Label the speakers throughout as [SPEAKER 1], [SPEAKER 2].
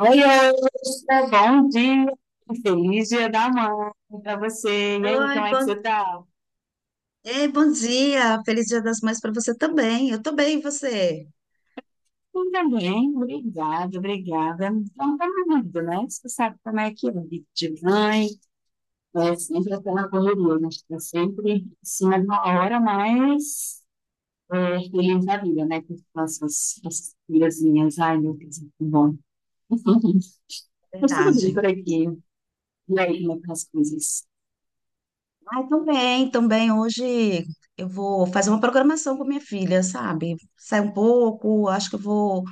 [SPEAKER 1] Oi, Elsa, bom dia. Feliz Dia da Mãe para você. E aí, como
[SPEAKER 2] Oi,
[SPEAKER 1] é que
[SPEAKER 2] bom...
[SPEAKER 1] você tá?
[SPEAKER 2] Ei, bom dia. Feliz Dia das Mães para você também. Eu tô bem, e você?
[SPEAKER 1] Eu também, obrigada, obrigada. Então, tá lindo, né? Você sabe como é que é, vida de mãe, é sempre aquela correria, né? Tá sempre em cima de uma hora, mas é, feliz da vida, né? Com essas filhazinhas. Ai, meu Deus, que bom. Enfim, mas tudo bem por
[SPEAKER 2] Verdade.
[SPEAKER 1] aqui. E aí, como é que tá as coisas?
[SPEAKER 2] Ai, também. Hoje eu vou fazer uma programação com minha filha, sabe? Sair um pouco, acho que eu vou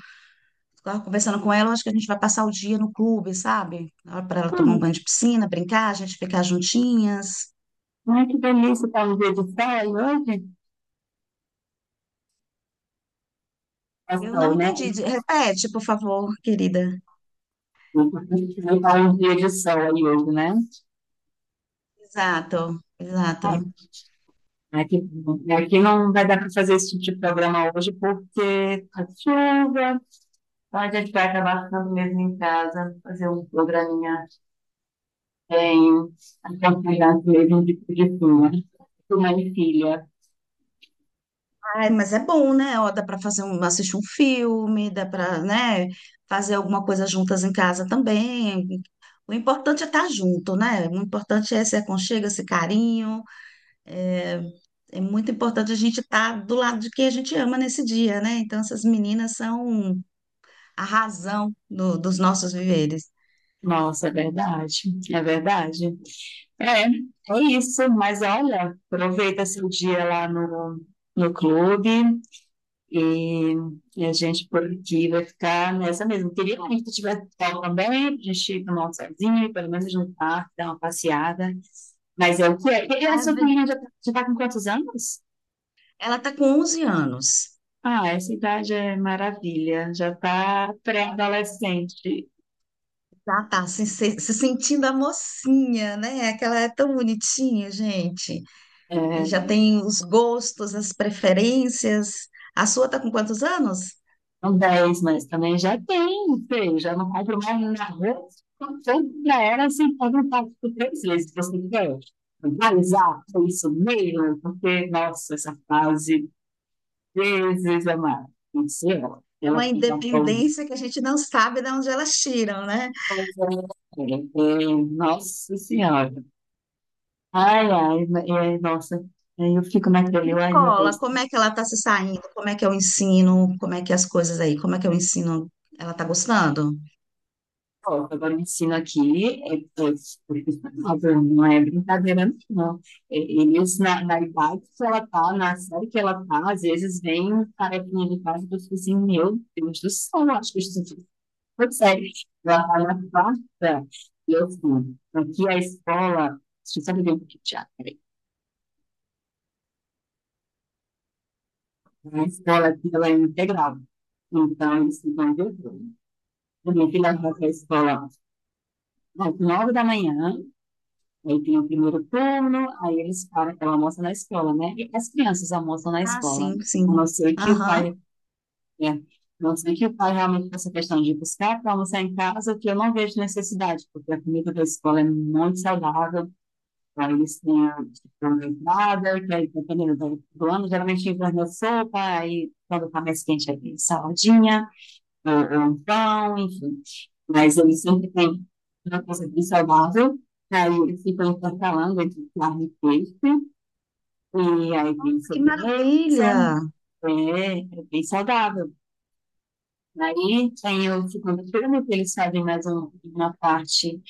[SPEAKER 2] ficar conversando com ela, acho que a gente vai passar o dia no clube, sabe? Para ela tomar um banho
[SPEAKER 1] Hum,
[SPEAKER 2] de piscina, brincar, a gente ficar juntinhas.
[SPEAKER 1] ai, que delícia, tá um dia de praia hoje?
[SPEAKER 2] Eu
[SPEAKER 1] Ação,
[SPEAKER 2] não
[SPEAKER 1] né?
[SPEAKER 2] entendi. Repete, por favor, querida.
[SPEAKER 1] Porque a gente vai para um dia de ação aí hoje, né?
[SPEAKER 2] Exato,
[SPEAKER 1] Ai,
[SPEAKER 2] exato.
[SPEAKER 1] Aqui, aqui não vai dar para fazer esse tipo de programa hoje porque tá chuva, então a gente vai acabar ficando mesmo em casa, fazer um programinha em acompanhado mesmo de filme. Mãe e filha.
[SPEAKER 2] Ai, mas é bom, né? Ó, dá para fazer um, assistir um filme, dá para, né, fazer alguma coisa juntas em casa também. O importante é estar junto, né? O importante é esse aconchego, esse carinho. É, é muito importante a gente estar do lado de quem a gente ama nesse dia, né? Então, essas meninas são a dos nossos viveres.
[SPEAKER 1] Nossa, é verdade, é verdade. É, é isso, mas olha, aproveita seu dia lá no clube, E, e a gente por aqui vai ficar nessa mesmo. Queria muito que tivesse sol também, a gente tomar um solzinho, pelo menos jantar, dar uma passeada. Mas é o que é. E a
[SPEAKER 2] Ai,
[SPEAKER 1] sua
[SPEAKER 2] ve-
[SPEAKER 1] filhinha já tá com quantos anos?
[SPEAKER 2] Ela tá com 11 anos.
[SPEAKER 1] Ah, essa idade é maravilha. Já tá pré-adolescente.
[SPEAKER 2] Já tá se sentindo a mocinha, né? Aquela é tão bonitinha, gente. E já
[SPEAKER 1] É,
[SPEAKER 2] tem os gostos, as preferências. A sua está com quantos anos?
[SPEAKER 1] não 10 mas também já tem, feio. Já não compro mais na rua. Tanto pra ela, assim, pode não pagar por três vezes, se você quiser. Vai usar isso mesmo, porque, nossa, essa fase Jesus amado, Senhor,
[SPEAKER 2] É
[SPEAKER 1] ela
[SPEAKER 2] uma
[SPEAKER 1] fica falando.
[SPEAKER 2] independência que a gente não sabe de onde elas tiram, né?
[SPEAKER 1] Nossa Senhora. E nossa. Eu fico naquele,
[SPEAKER 2] Em
[SPEAKER 1] ai, meu Deus.
[SPEAKER 2] escola, como é que ela está se saindo? Como é que é o ensino? Como é que é as coisas aí? Como é que é o ensino? Ela está gostando?
[SPEAKER 1] Ó, agora o ensino aqui é profissional, não é brincadeira, não. É, eles, na idade que ela tá, na série que ela tá, às vezes vem um carequinha de casa e eu fico assim, meu Deus do céu, eu acho que isso. Pois é, ela na quarta, e eu fui. Aqui é a escola, deixa eu só ver um pouquinho de teatro, peraí. A escola aqui, ela é integral. Então, eles ficam de turno. A minha filha vai para a escola às nove da manhã, aí tem o primeiro turno, aí eles param, ela almoça na escola, né? E as crianças almoçam na
[SPEAKER 2] Ah,
[SPEAKER 1] escola.
[SPEAKER 2] sim,
[SPEAKER 1] A
[SPEAKER 2] sim.
[SPEAKER 1] não ser que o
[SPEAKER 2] Aham.
[SPEAKER 1] pai, a não ser que o pai realmente faça questão de buscar para almoçar em casa, que eu não vejo necessidade, porque a comida da escola é muito saudável. Aí eles têm a uma entrada, que aí, dependendo do ano, geralmente enverna sopa, aí quando tá mais quente, aí saladinha, ou um pão, enfim. Mas eles sempre têm uma coisa bem saudável, aí eles ficam intercalando entre carne e peixe, e aí tem
[SPEAKER 2] Nossa, que
[SPEAKER 1] sobremesa,
[SPEAKER 2] maravilha!
[SPEAKER 1] é, é bem saudável. Aí tem o segundo turno, que eles fazem mais uma parte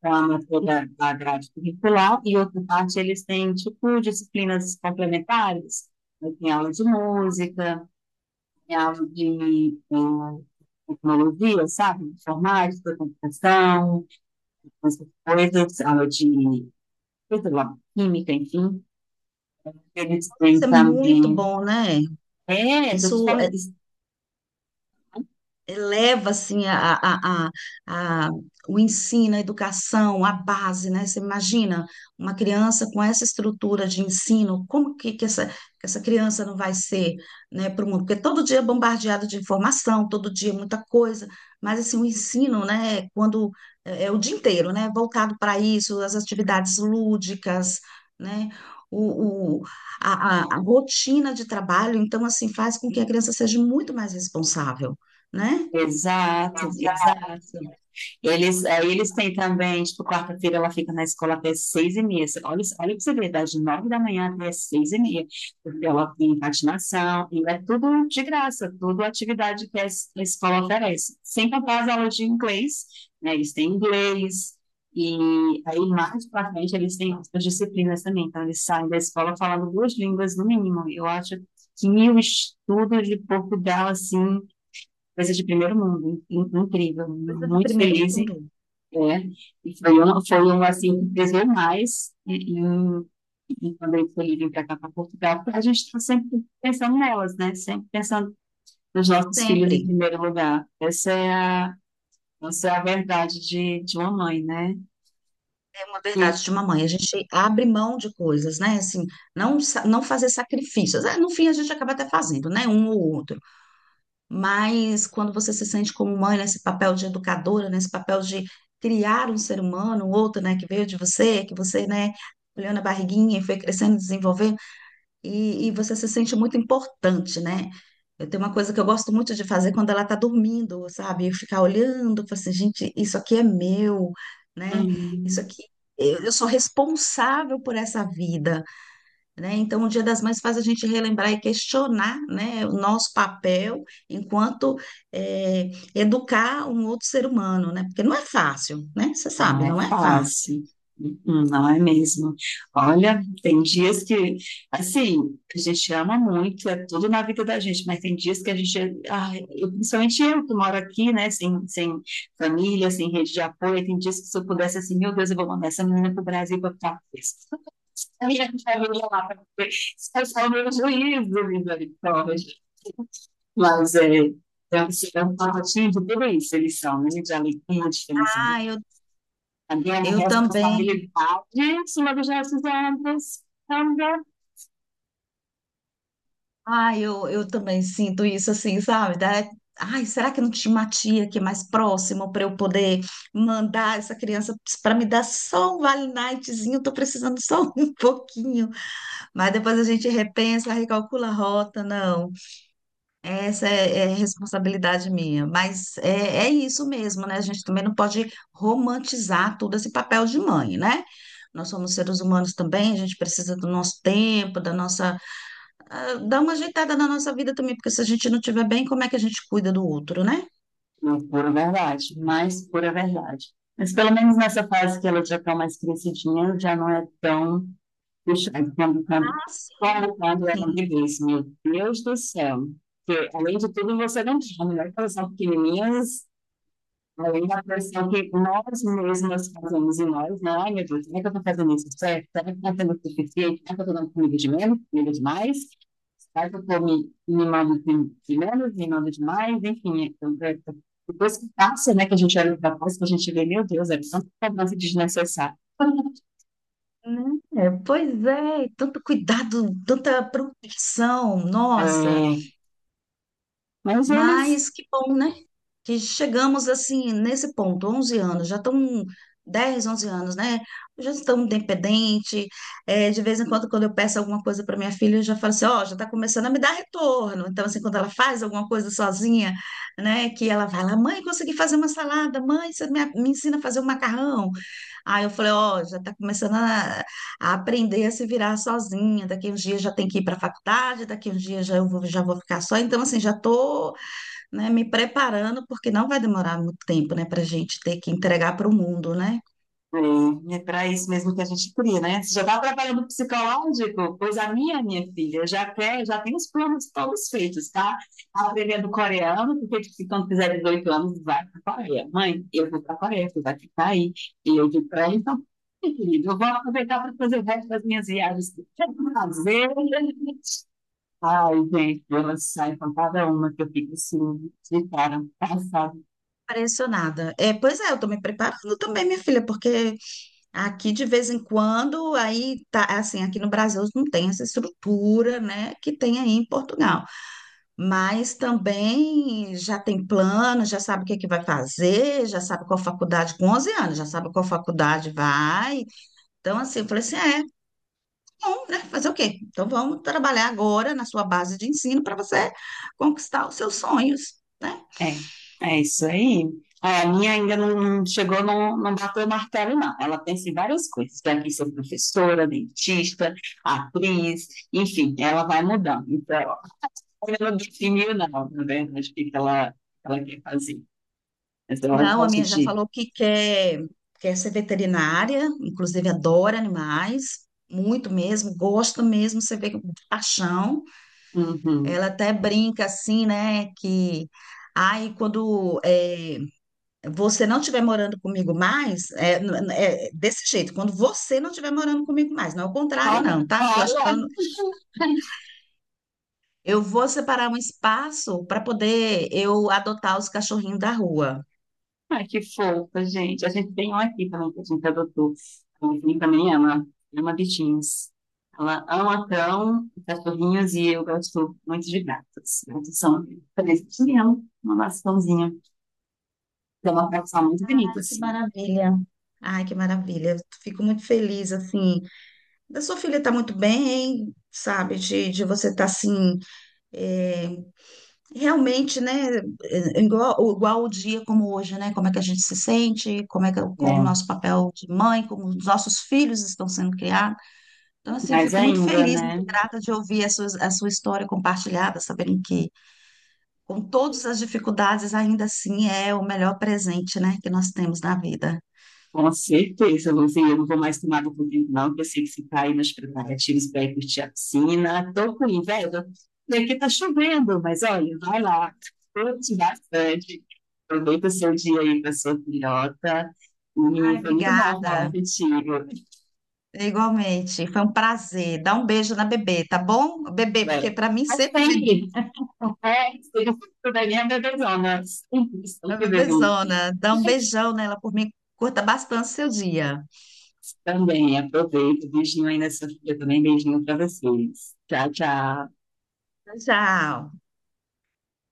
[SPEAKER 1] para a matéria da grade curricular, e outra parte eles têm, tipo, disciplinas complementares. Aí tem aula de música, tem aula de tecnologia, sabe? Informática, computação, essas coisas, aula de, sei lá, química, enfim. Eles têm
[SPEAKER 2] Isso é muito
[SPEAKER 1] também.
[SPEAKER 2] bom, né?
[SPEAKER 1] É, estou te
[SPEAKER 2] Isso
[SPEAKER 1] falando.
[SPEAKER 2] é eleva assim a- o ensino, a educação, a base, né? Você imagina uma criança com essa estrutura de ensino, como que essa criança não vai ser, né, para o mundo? Porque todo dia é bombardeado de informação, todo dia é muita coisa, mas assim, o ensino, né, é quando é, é o dia inteiro, né, voltado para isso, as atividades lúdicas, né? O, a rotina de trabalho, então, assim, faz com que a criança seja muito mais responsável, né?
[SPEAKER 1] Exato,
[SPEAKER 2] Exato.
[SPEAKER 1] exato. Eles, aí eles têm também, tipo, quarta-feira ela fica na escola até seis e meia. Você- Olha, isso- olha pra você ver, das nove da manhã até seis e meia. Porque ela tem patinação, e é tudo de graça, tudo atividade que a escola oferece. Sem contar as aulas de inglês, né? Eles têm inglês, e aí mais pra frente eles têm outras disciplinas também. Então eles saem da escola falando duas línguas no mínimo. Eu acho que o estudo de Portugal, assim, coisa de primeiro mundo, incrível.
[SPEAKER 2] Coisa de
[SPEAKER 1] Muito
[SPEAKER 2] primeiro
[SPEAKER 1] feliz
[SPEAKER 2] mundo,
[SPEAKER 1] é, e foi um assim que pesou mais e quando ele foi vir para cá, para Portugal, porque a gente está sempre pensando nelas, né? Sempre pensando nos nossos filhos em
[SPEAKER 2] sempre.
[SPEAKER 1] primeiro lugar. Essa é a verdade de uma mãe, né?
[SPEAKER 2] É uma
[SPEAKER 1] E,
[SPEAKER 2] verdade de mamãe. A gente abre mão de coisas, né? Assim, não, não fazer sacrifícios. É, no fim, a gente acaba até fazendo, né? Um ou outro. Mas quando você se sente como mãe, nesse papel de educadora, nesse papel de criar um ser humano, um outro, né? Que veio de você, que você, né? Olhou na barriguinha e foi crescendo, desenvolvendo. E você se sente muito importante, né? Eu tenho uma coisa que eu gosto muito de fazer quando ela está dormindo, sabe? Eu ficar olhando, falar assim, gente, isso aqui é meu, né? Isso
[SPEAKER 1] hum,
[SPEAKER 2] aqui, eu sou responsável por essa vida, né? Então, o Dia das Mães faz a gente relembrar e questionar, né, o nosso papel enquanto educar um outro ser humano, né? Porque não é fácil, né? Você
[SPEAKER 1] não
[SPEAKER 2] sabe,
[SPEAKER 1] é
[SPEAKER 2] não é fácil.
[SPEAKER 1] fácil. Uhum, não é mesmo. Olha, tem dias que, assim, a gente ama muito, é tudo na vida da gente, mas tem dias que a gente, ai, principalmente eu que moro aqui, né, sem família, sem rede de apoio, tem dias que se eu pudesse, assim, meu Deus, eu vou mandar essa menina pro Brasil para ficar presa. A minha família lá, pra ver se é só o meu juízo, misericórdia. Mas é um é um pacotinho de tudo isso, eles são, né, de alegria, de felicidade,
[SPEAKER 2] Ah, eu,
[SPEAKER 1] a grande
[SPEAKER 2] eu também.
[SPEAKER 1] responsabilidade sobre os nossos ombros também.
[SPEAKER 2] Ah, eu também sinto isso assim, sabe? Ai, será que não tinha uma tia aqui mais próxima para eu poder mandar essa criança para me dar só um Vale Nightzinho? Tô precisando só um pouquinho. Mas depois a gente repensa, recalcula a rota, não. Essa é, é responsabilidade minha. Mas é, é isso mesmo, né? A gente também não pode romantizar todo esse papel de mãe, né? Nós somos seres humanos também, a gente precisa do nosso tempo, da nossa, dar uma ajeitada na nossa vida também, porque se a gente não estiver bem, como é que a gente cuida do outro, né?
[SPEAKER 1] Não é pura verdade. Mas pelo menos nessa fase que ela já está mais crescidinha, já não é tão puxada
[SPEAKER 2] Ah, sim.
[SPEAKER 1] quando ela
[SPEAKER 2] Sim,
[SPEAKER 1] me diz, meu Deus do céu, que além de tudo você não tem a melhor coração pequenininhas, além da pressão que nós mesmas fazemos em nós, né? Ai, meu Deus, como é que eu estou fazendo isso certo? Será que eu estou sendo o suficiente? Será que eu estou dando comida de menos, comida demais? Mas eu tô me mimado de menos, mimado de enfim. Então, depois que passa, né, que a gente olha pra trás, que a gente vê, meu Deus, é tanta cobrança desnecessária.
[SPEAKER 2] né? É, pois é, tanto cuidado, tanta proteção, nossa.
[SPEAKER 1] É, mas eles
[SPEAKER 2] Mas que bom, né? Que chegamos assim nesse ponto, 11 anos, já estão 10 11 anos, né? Já estão independente. É, de vez em quando, quando eu peço alguma coisa para minha filha, eu já falo assim: ó, já está começando a me dar retorno. Então, assim, quando ela faz alguma coisa sozinha, né, que ela vai lá, mãe, consegui fazer uma salada, mãe, você me ensina a fazer um macarrão. Aí eu falei: ó, já está começando a aprender a se virar sozinha. Daqui uns dias já tem que ir para a faculdade, daqui uns dias já, eu vou, já vou ficar só. Então, assim, já estou né, me preparando, porque não vai demorar muito tempo, né, para a gente ter que entregar para o mundo, né?
[SPEAKER 1] é, é para isso mesmo que a gente cria, né? Você já está trabalhando psicológico? Pois a minha filha, já quer, já tem os planos todos feitos, tá? Tá aprendendo coreano, porque se quando fizer 18 anos, vai para a Coreia. Mãe, eu vou para a Coreia, tu vai ficar aí. E eu digo para ela, então, meu querido, eu vou aproveitar para fazer o resto das minhas viagens. Que eu quero fazer. Ai, gente, elas saem com cada uma que eu fico assim, de cara, passada.
[SPEAKER 2] Impressionada. É, pois é, eu tô me preparando também, minha filha, porque aqui de vez em quando, aí tá assim, aqui no Brasil não tem essa estrutura, né, que tem aí em Portugal. Mas também já tem plano, já sabe o que é que vai fazer, já sabe qual faculdade, com 11 anos, já sabe qual faculdade vai. Então, assim, eu falei assim, é. Bom, né? Fazer o quê? Então vamos trabalhar agora na sua base de ensino para você conquistar os seus sonhos, né?
[SPEAKER 1] É, é isso aí. É, a minha ainda não, não chegou, não, não bateu o martelo, não. Ela pensa em várias coisas. Vai vir ser professora, dentista, atriz, enfim, ela vai mudando. Então, ela não definiu, não, na verdade, o que que ela quer fazer. Mas ela
[SPEAKER 2] Não, a
[SPEAKER 1] gosta
[SPEAKER 2] minha já
[SPEAKER 1] de.
[SPEAKER 2] falou que quer ser veterinária, inclusive adora animais, muito mesmo, gosta mesmo, você vê com paixão.
[SPEAKER 1] Uhum.
[SPEAKER 2] Ela até brinca assim, né? Que aí quando é, você não estiver morando comigo mais, é, é desse jeito, quando você não estiver morando comigo mais, não é o contrário,
[SPEAKER 1] Olha,
[SPEAKER 2] não, tá? Porque eu acho
[SPEAKER 1] olha.
[SPEAKER 2] que ela Eu vou separar um espaço para poder eu adotar os cachorrinhos da rua.
[SPEAKER 1] Ai, que fofa, gente. A gente tem um aqui também que a gente adotou. A Anthony também ama, ama bichinhos. Ela ama cão, cachorrinhos e eu gosto muito de gatos. Gatos são presentes de uma maçãzinha. É uma coleção muito bonita,
[SPEAKER 2] Ai, que
[SPEAKER 1] assim.
[SPEAKER 2] maravilha. Ai, que maravilha. Eu fico muito feliz, assim. Da sua filha tá muito bem, sabe? De você estar assim, é, realmente, né? É, igual o dia como hoje, né? Como é que a gente se sente, como é que com o
[SPEAKER 1] É.
[SPEAKER 2] nosso papel de mãe, como os nossos filhos estão sendo criados. Então, assim, eu
[SPEAKER 1] Mas
[SPEAKER 2] fico muito
[SPEAKER 1] ainda,
[SPEAKER 2] feliz,
[SPEAKER 1] né?
[SPEAKER 2] muito grata de ouvir a sua história compartilhada, sabendo que com todas as dificuldades, ainda assim é o melhor presente, né, que nós temos na vida.
[SPEAKER 1] Com certeza, Luzinha, eu não vou mais tomar do tempo, não, porque eu sei que você está aí nos preparativos para ir curtir a piscina. Tô com inveja, e aqui tá chovendo, mas olha, vai lá, curte bastante, aproveita o seu dia aí com a sua filhota,
[SPEAKER 2] Ai,
[SPEAKER 1] e foi muito bom falar
[SPEAKER 2] obrigada.
[SPEAKER 1] contigo.
[SPEAKER 2] Igualmente, foi um prazer. Dá um beijo na bebê, tá bom? Bebê, porque
[SPEAKER 1] Vai.
[SPEAKER 2] para mim
[SPEAKER 1] Até
[SPEAKER 2] sempre bebê,
[SPEAKER 1] sempre, é, seja fruto da minha bebezona, sempre,
[SPEAKER 2] a
[SPEAKER 1] sempre bebê.
[SPEAKER 2] bebezona. Dá um beijão nela por mim. Curta bastante seu dia.
[SPEAKER 1] Também, aproveita, beijinho aí na sua filha também, beijinho para vocês. Tchau, tchau.
[SPEAKER 2] Tchau.